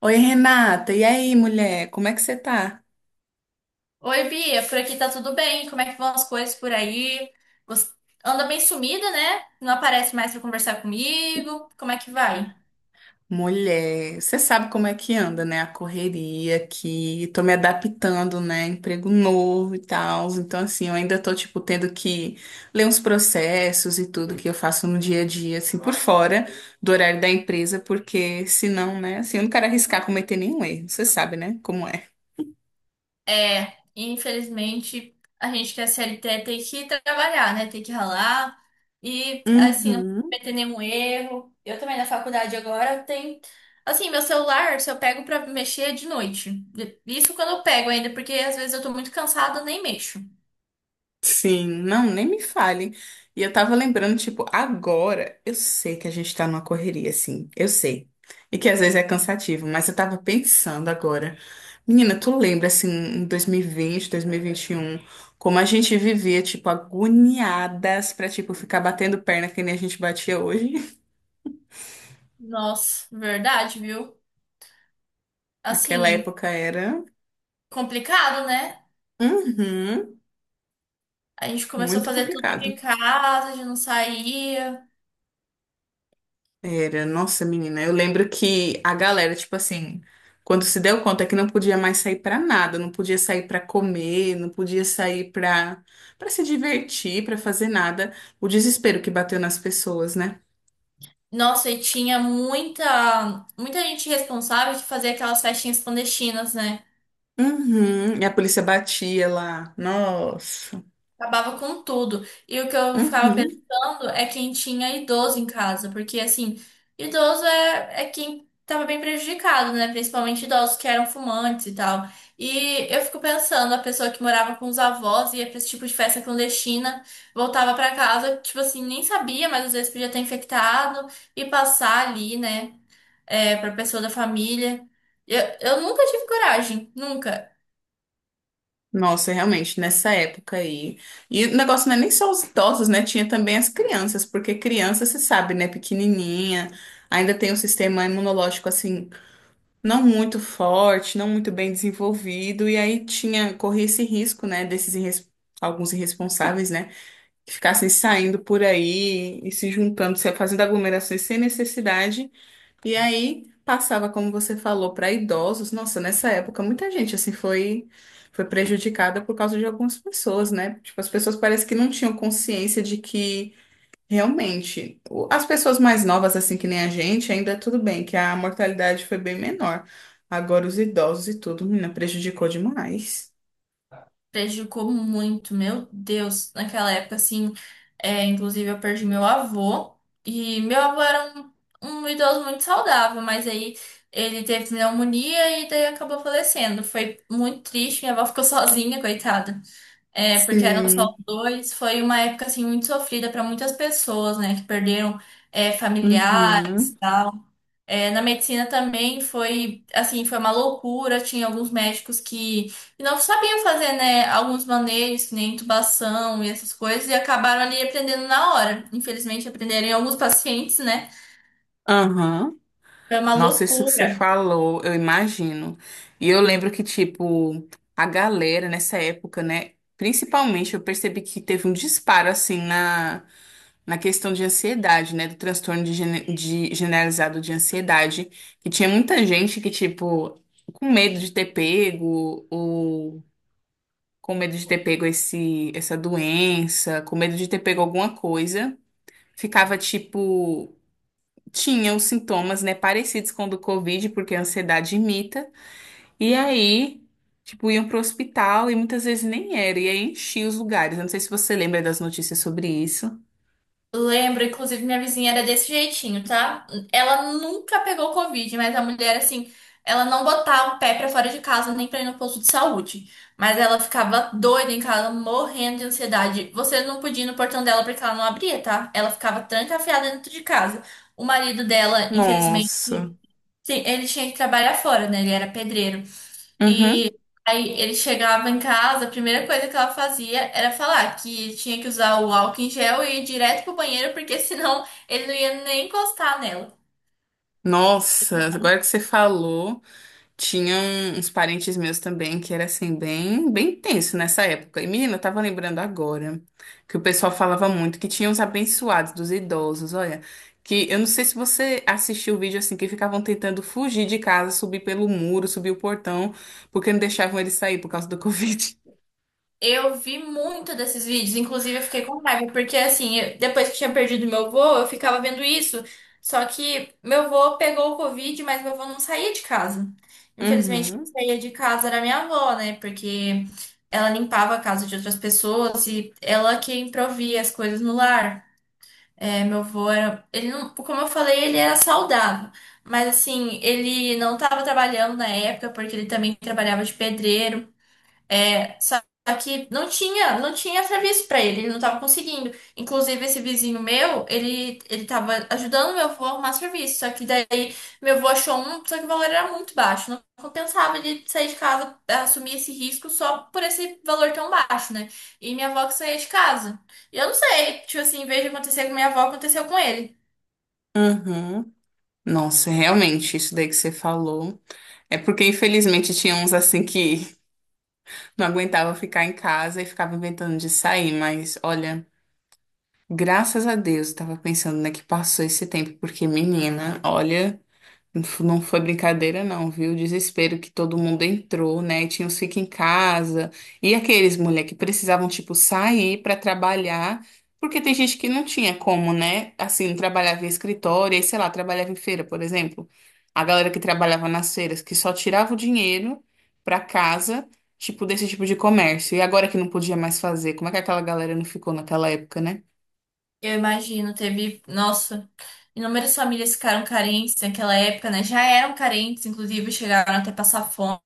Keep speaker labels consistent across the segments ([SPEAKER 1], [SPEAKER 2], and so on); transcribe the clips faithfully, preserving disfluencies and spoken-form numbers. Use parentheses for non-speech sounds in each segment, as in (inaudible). [SPEAKER 1] Oi, Renata. E aí, mulher? Como é que você tá?
[SPEAKER 2] Oi, Bia, por aqui tá tudo bem? Como é que vão as coisas por aí? Você anda bem sumida, né? Não aparece mais pra conversar comigo. Como é que vai?
[SPEAKER 1] Mulher, você sabe como é que anda, né? A correria aqui. Tô me adaptando, né? Emprego novo e tal. Então, assim, eu ainda tô, tipo, tendo que ler uns processos e tudo que eu faço no dia a dia, assim, por fora do horário da empresa, porque senão, né? Assim, eu não quero arriscar cometer nenhum erro. Você sabe, né? Como é.
[SPEAKER 2] É, infelizmente, a gente que é C L T tem que trabalhar, né? Tem que ralar. E, assim, não
[SPEAKER 1] Uhum.
[SPEAKER 2] cometer nenhum erro. Eu também na faculdade agora tem. Assim, meu celular, se eu pego pra mexer é de noite. Isso quando eu pego ainda, porque às vezes eu tô muito cansada, eu nem mexo.
[SPEAKER 1] Sim, não, nem me fale. E eu tava lembrando, tipo, agora, eu sei que a gente tá numa correria, assim, eu sei. E que às vezes é cansativo, mas eu tava pensando agora. Menina, tu lembra, assim, em dois mil e vinte, dois mil e vinte e um, como a gente vivia, tipo, agoniadas pra, tipo, ficar batendo perna que nem a gente batia hoje?
[SPEAKER 2] Nossa, verdade, viu?
[SPEAKER 1] (laughs) Naquela
[SPEAKER 2] Assim,
[SPEAKER 1] época era,
[SPEAKER 2] complicado, né?
[SPEAKER 1] uhum,
[SPEAKER 2] A gente começou a
[SPEAKER 1] muito
[SPEAKER 2] fazer tudo de
[SPEAKER 1] complicado.
[SPEAKER 2] casa, a gente não saía.
[SPEAKER 1] Era, nossa, menina, eu lembro que a galera, tipo assim, quando se deu conta que não podia mais sair pra nada, não podia sair pra comer, não podia sair pra para se divertir, pra fazer nada, o desespero que bateu nas pessoas, né?
[SPEAKER 2] Nossa, e tinha muita, muita gente responsável que fazia aquelas festinhas clandestinas, né?
[SPEAKER 1] Uhum, e a polícia batia lá. Nossa.
[SPEAKER 2] Acabava com tudo. E o que eu ficava
[SPEAKER 1] Uhum.
[SPEAKER 2] pensando é quem tinha idoso em casa, porque assim, idoso é, é quem tava bem prejudicado, né? Principalmente idosos que eram fumantes e tal. E eu fico pensando, a pessoa que morava com os avós, ia pra esse tipo de festa clandestina, voltava pra casa, tipo assim, nem sabia, mas às vezes podia ter infectado e passar ali, né? É, pra pessoa da família. Eu, eu nunca tive coragem, nunca.
[SPEAKER 1] Nossa, realmente, nessa época aí. E o negócio não é nem só os idosos, né? Tinha também as crianças, porque criança, você sabe, né? Pequenininha, ainda tem um sistema imunológico assim não muito forte, não muito bem desenvolvido, e aí tinha, corria esse risco, né, desses irres- alguns irresponsáveis, né, que ficassem saindo por aí e se juntando, se fazendo aglomerações sem necessidade, e aí passava, como você falou, para idosos. Nossa, nessa época muita gente assim foi foi prejudicada por causa de algumas pessoas, né? Tipo, as pessoas parece que não tinham consciência de que realmente, o- as pessoas mais novas, assim que nem a gente, ainda é tudo bem, que a mortalidade foi bem menor. Agora os idosos e tudo, menina, prejudicou demais.
[SPEAKER 2] Prejudicou muito, meu Deus, naquela época, assim, é, inclusive eu perdi meu avô, e meu avô era um, um idoso muito saudável, mas aí ele teve pneumonia e daí acabou falecendo, foi muito triste, minha avó ficou (laughs) sozinha, coitada, é, porque eram só
[SPEAKER 1] Sim.
[SPEAKER 2] dois, foi uma época, assim, muito sofrida para muitas pessoas, né, que perderam, é, familiares,
[SPEAKER 1] Uhum.
[SPEAKER 2] tal. É, na medicina também foi, assim, foi uma loucura. Tinha alguns médicos que que não sabiam fazer, né, alguns manejos, que nem intubação e essas coisas, e acabaram ali aprendendo na hora. Infelizmente, aprenderam em alguns pacientes, né?
[SPEAKER 1] Aham.
[SPEAKER 2] Foi uma
[SPEAKER 1] Nossa, isso que você
[SPEAKER 2] loucura.
[SPEAKER 1] falou, eu imagino. E eu lembro que, tipo, a galera nessa época, né? Principalmente, eu percebi que teve um disparo, assim, na na questão de ansiedade, né? Do transtorno de, gene- de generalizado de ansiedade, que tinha muita gente que, tipo, com medo de ter pego, ou com medo de ter pego esse, essa doença, com medo de ter pego alguma coisa, ficava, tipo, tinha os sintomas, né, parecidos com o do Covid, porque a ansiedade imita, e aí. Tipo, iam pro hospital e muitas vezes nem era, e aí enchia os lugares. Eu não sei se você lembra das notícias sobre isso.
[SPEAKER 2] Lembro, inclusive, minha vizinha era desse jeitinho, tá? Ela nunca pegou Covid, mas a mulher, assim, ela não botava o pé pra fora de casa nem pra ir no posto de saúde. Mas ela ficava doida em casa, morrendo de ansiedade. Você não podia ir no portão dela porque ela não abria, tá? Ela ficava trancafiada dentro de casa. O marido dela, infelizmente,
[SPEAKER 1] Nossa.
[SPEAKER 2] sim, ele tinha que trabalhar fora, né? Ele era pedreiro.
[SPEAKER 1] Uhum.
[SPEAKER 2] E aí ele chegava em casa, a primeira coisa que ela fazia era falar que tinha que usar o álcool em gel e ir direto pro banheiro, porque (laughs) senão ele não ia nem encostar nela.
[SPEAKER 1] Nossa, agora que você falou, tinham uns parentes meus também que era assim, bem, bem tenso nessa época. E menina, eu tava lembrando agora que o pessoal falava muito que tinha os abençoados dos idosos, olha, que eu não sei se você assistiu o vídeo assim, que ficavam tentando fugir de casa, subir pelo muro, subir o portão, porque não deixavam eles sair por causa do (laughs) Covid.
[SPEAKER 2] Eu vi muito desses vídeos, inclusive eu fiquei com raiva, porque assim, eu- depois que tinha perdido meu avô, eu ficava vendo isso. Só que meu avô pegou o Covid, mas meu avô não saía de casa. Infelizmente, quem
[SPEAKER 1] Uhum.
[SPEAKER 2] saía de casa era minha avó, né? Porque ela limpava a casa de outras pessoas e ela que improvia as coisas no lar. É, meu avô era. Ele não, como eu falei, ele era saudável. Mas assim, ele não estava trabalhando na época, porque ele também trabalhava de pedreiro. Só que não tinha, não tinha serviço pra ele, ele não tava conseguindo. Inclusive, esse vizinho meu, ele, ele tava ajudando meu avô a arrumar serviço. Só que daí meu avô achou um, só que o valor era muito baixo. Não compensava ele sair de casa, assumir esse risco só por esse valor tão baixo, né? E minha avó que saía de casa. E eu não sei, tipo assim, em vez de acontecer com minha avó, aconteceu com ele.
[SPEAKER 1] Uhum. Nossa, realmente, isso daí que você falou. É porque, infelizmente, tinha uns assim que não aguentava ficar em casa e ficava inventando de sair, mas olha, graças a Deus, eu tava pensando, né, que passou esse tempo, porque menina, olha. Não foi brincadeira, não, viu? O desespero que todo mundo entrou, né? Tinha os fica em casa. E aqueles mulher que precisavam, tipo, sair para trabalhar, porque tem gente que não tinha como, né? Assim, trabalhava em escritório, e sei lá, trabalhava em feira, por exemplo. A galera que trabalhava nas feiras, que só tirava o dinheiro para casa, tipo, desse tipo de comércio. E agora que não podia mais fazer, como é que aquela galera não ficou naquela época, né?
[SPEAKER 2] Eu imagino, teve, nossa, inúmeras famílias ficaram carentes naquela época, né? Já eram carentes, inclusive, chegaram até passar fome.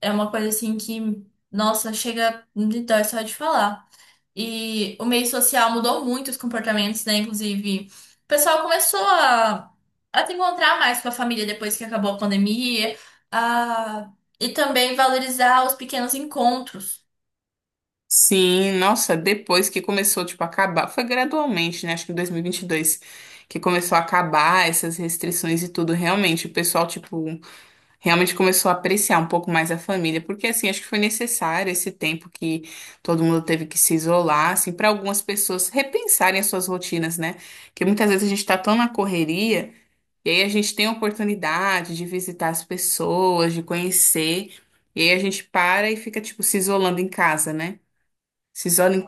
[SPEAKER 2] É uma coisa assim que, nossa, chega de dói só de falar. E o meio social mudou muito os comportamentos, né? Inclusive, o pessoal começou a, a se encontrar mais com a família depois que acabou a pandemia, a, e também valorizar os pequenos encontros.
[SPEAKER 1] Sim, nossa, depois que começou, tipo, a acabar, foi gradualmente, né? Acho que em dois mil e vinte e dois que começou a acabar essas restrições e tudo, realmente, o pessoal, tipo, realmente começou a apreciar um pouco mais a família, porque, assim, acho que foi necessário esse tempo que todo mundo teve que se isolar, assim, para algumas pessoas repensarem as suas rotinas, né? Porque muitas vezes a gente tá tão na correria, e aí a gente tem a oportunidade de visitar as pessoas, de conhecer, e aí a gente para e fica, tipo, se isolando em casa, né? Se isola em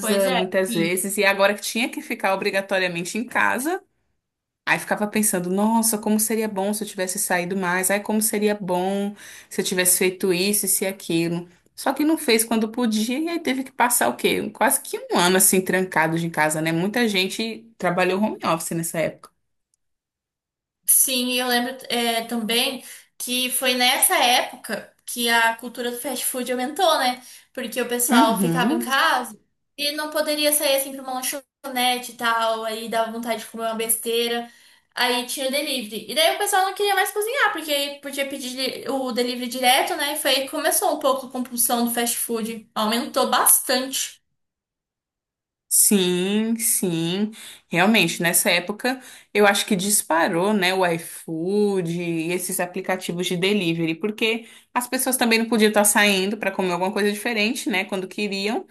[SPEAKER 2] Pois é.
[SPEAKER 1] muitas vezes, e agora que tinha que ficar obrigatoriamente em casa, aí ficava pensando, nossa, como seria bom se eu tivesse saído mais, ai, como seria bom se eu tivesse feito isso, isso e aquilo. Só que não fez quando podia, e aí teve que passar o quê? Quase que um ano assim, trancado de casa, né? Muita gente trabalhou home office nessa época.
[SPEAKER 2] Sim, e eu lembro é, também que foi nessa época que a cultura do fast food aumentou, né? Porque o pessoal ficava em
[SPEAKER 1] Uhum.
[SPEAKER 2] casa e não poderia sair assim para uma lanchonete e tal, aí dava vontade de comer uma besteira, aí tinha o delivery. E daí o pessoal não queria mais cozinhar, porque aí podia pedir o delivery direto, né? E foi aí que começou um pouco a compulsão do fast food, aumentou bastante.
[SPEAKER 1] Sim, sim, realmente, nessa época eu acho que disparou, né, o iFood e esses aplicativos de delivery, porque as pessoas também não podiam estar saindo para comer alguma coisa diferente, né, quando queriam,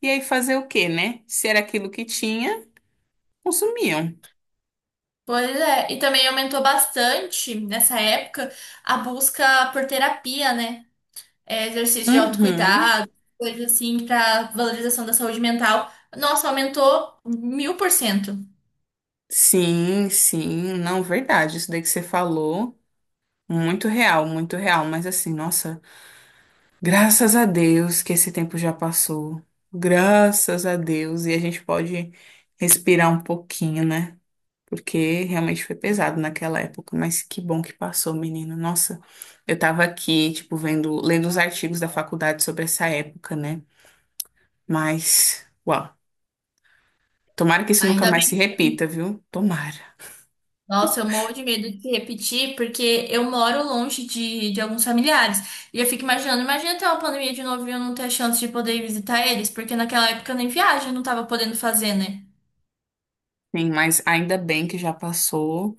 [SPEAKER 1] e aí fazer o quê, né? Se era aquilo que tinha, consumiam.
[SPEAKER 2] Pois é, e também aumentou bastante nessa época a busca por terapia, né? É, exercício de
[SPEAKER 1] Uhum.
[SPEAKER 2] autocuidado, coisas assim para valorização da saúde mental. Nossa, aumentou mil por cento.
[SPEAKER 1] Sim, sim, não, verdade, isso daí que você falou, muito real, muito real, mas assim, nossa. Graças a Deus que esse tempo já passou. Graças a Deus. E a gente pode respirar um pouquinho, né? Porque realmente foi pesado naquela época. Mas que bom que passou, menino. Nossa, eu tava aqui, tipo, vendo, lendo os artigos da faculdade sobre essa época, né? Mas, uau. Tomara que isso nunca
[SPEAKER 2] Ainda
[SPEAKER 1] mais se
[SPEAKER 2] bem.
[SPEAKER 1] repita, viu? Tomara.
[SPEAKER 2] Nossa, eu morro de medo de repetir, porque eu moro longe de, de alguns familiares. E eu fico imaginando, imagina ter uma pandemia de novo e eu não ter a chance de poder ir visitar eles, porque naquela época eu nem viagem, não tava podendo fazer, né?
[SPEAKER 1] Sim, mas ainda bem que já passou.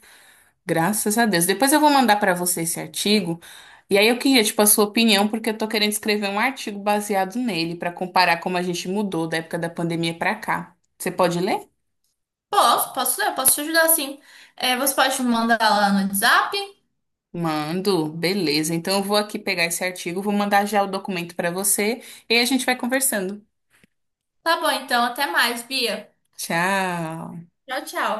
[SPEAKER 1] Graças a Deus. Depois eu vou mandar para você esse artigo. E aí eu queria, tipo, a sua opinião, porque eu tô querendo escrever um artigo baseado nele para comparar como a gente mudou da época da pandemia para cá. Você pode ler?
[SPEAKER 2] Posso, posso, eu posso te ajudar sim. É, você pode me mandar lá no WhatsApp?
[SPEAKER 1] Mando, beleza. Então eu vou aqui pegar esse artigo, vou mandar já o documento para você e aí a gente vai conversando.
[SPEAKER 2] Tá bom, então, até mais, Bia.
[SPEAKER 1] Tchau.
[SPEAKER 2] Tchau, tchau.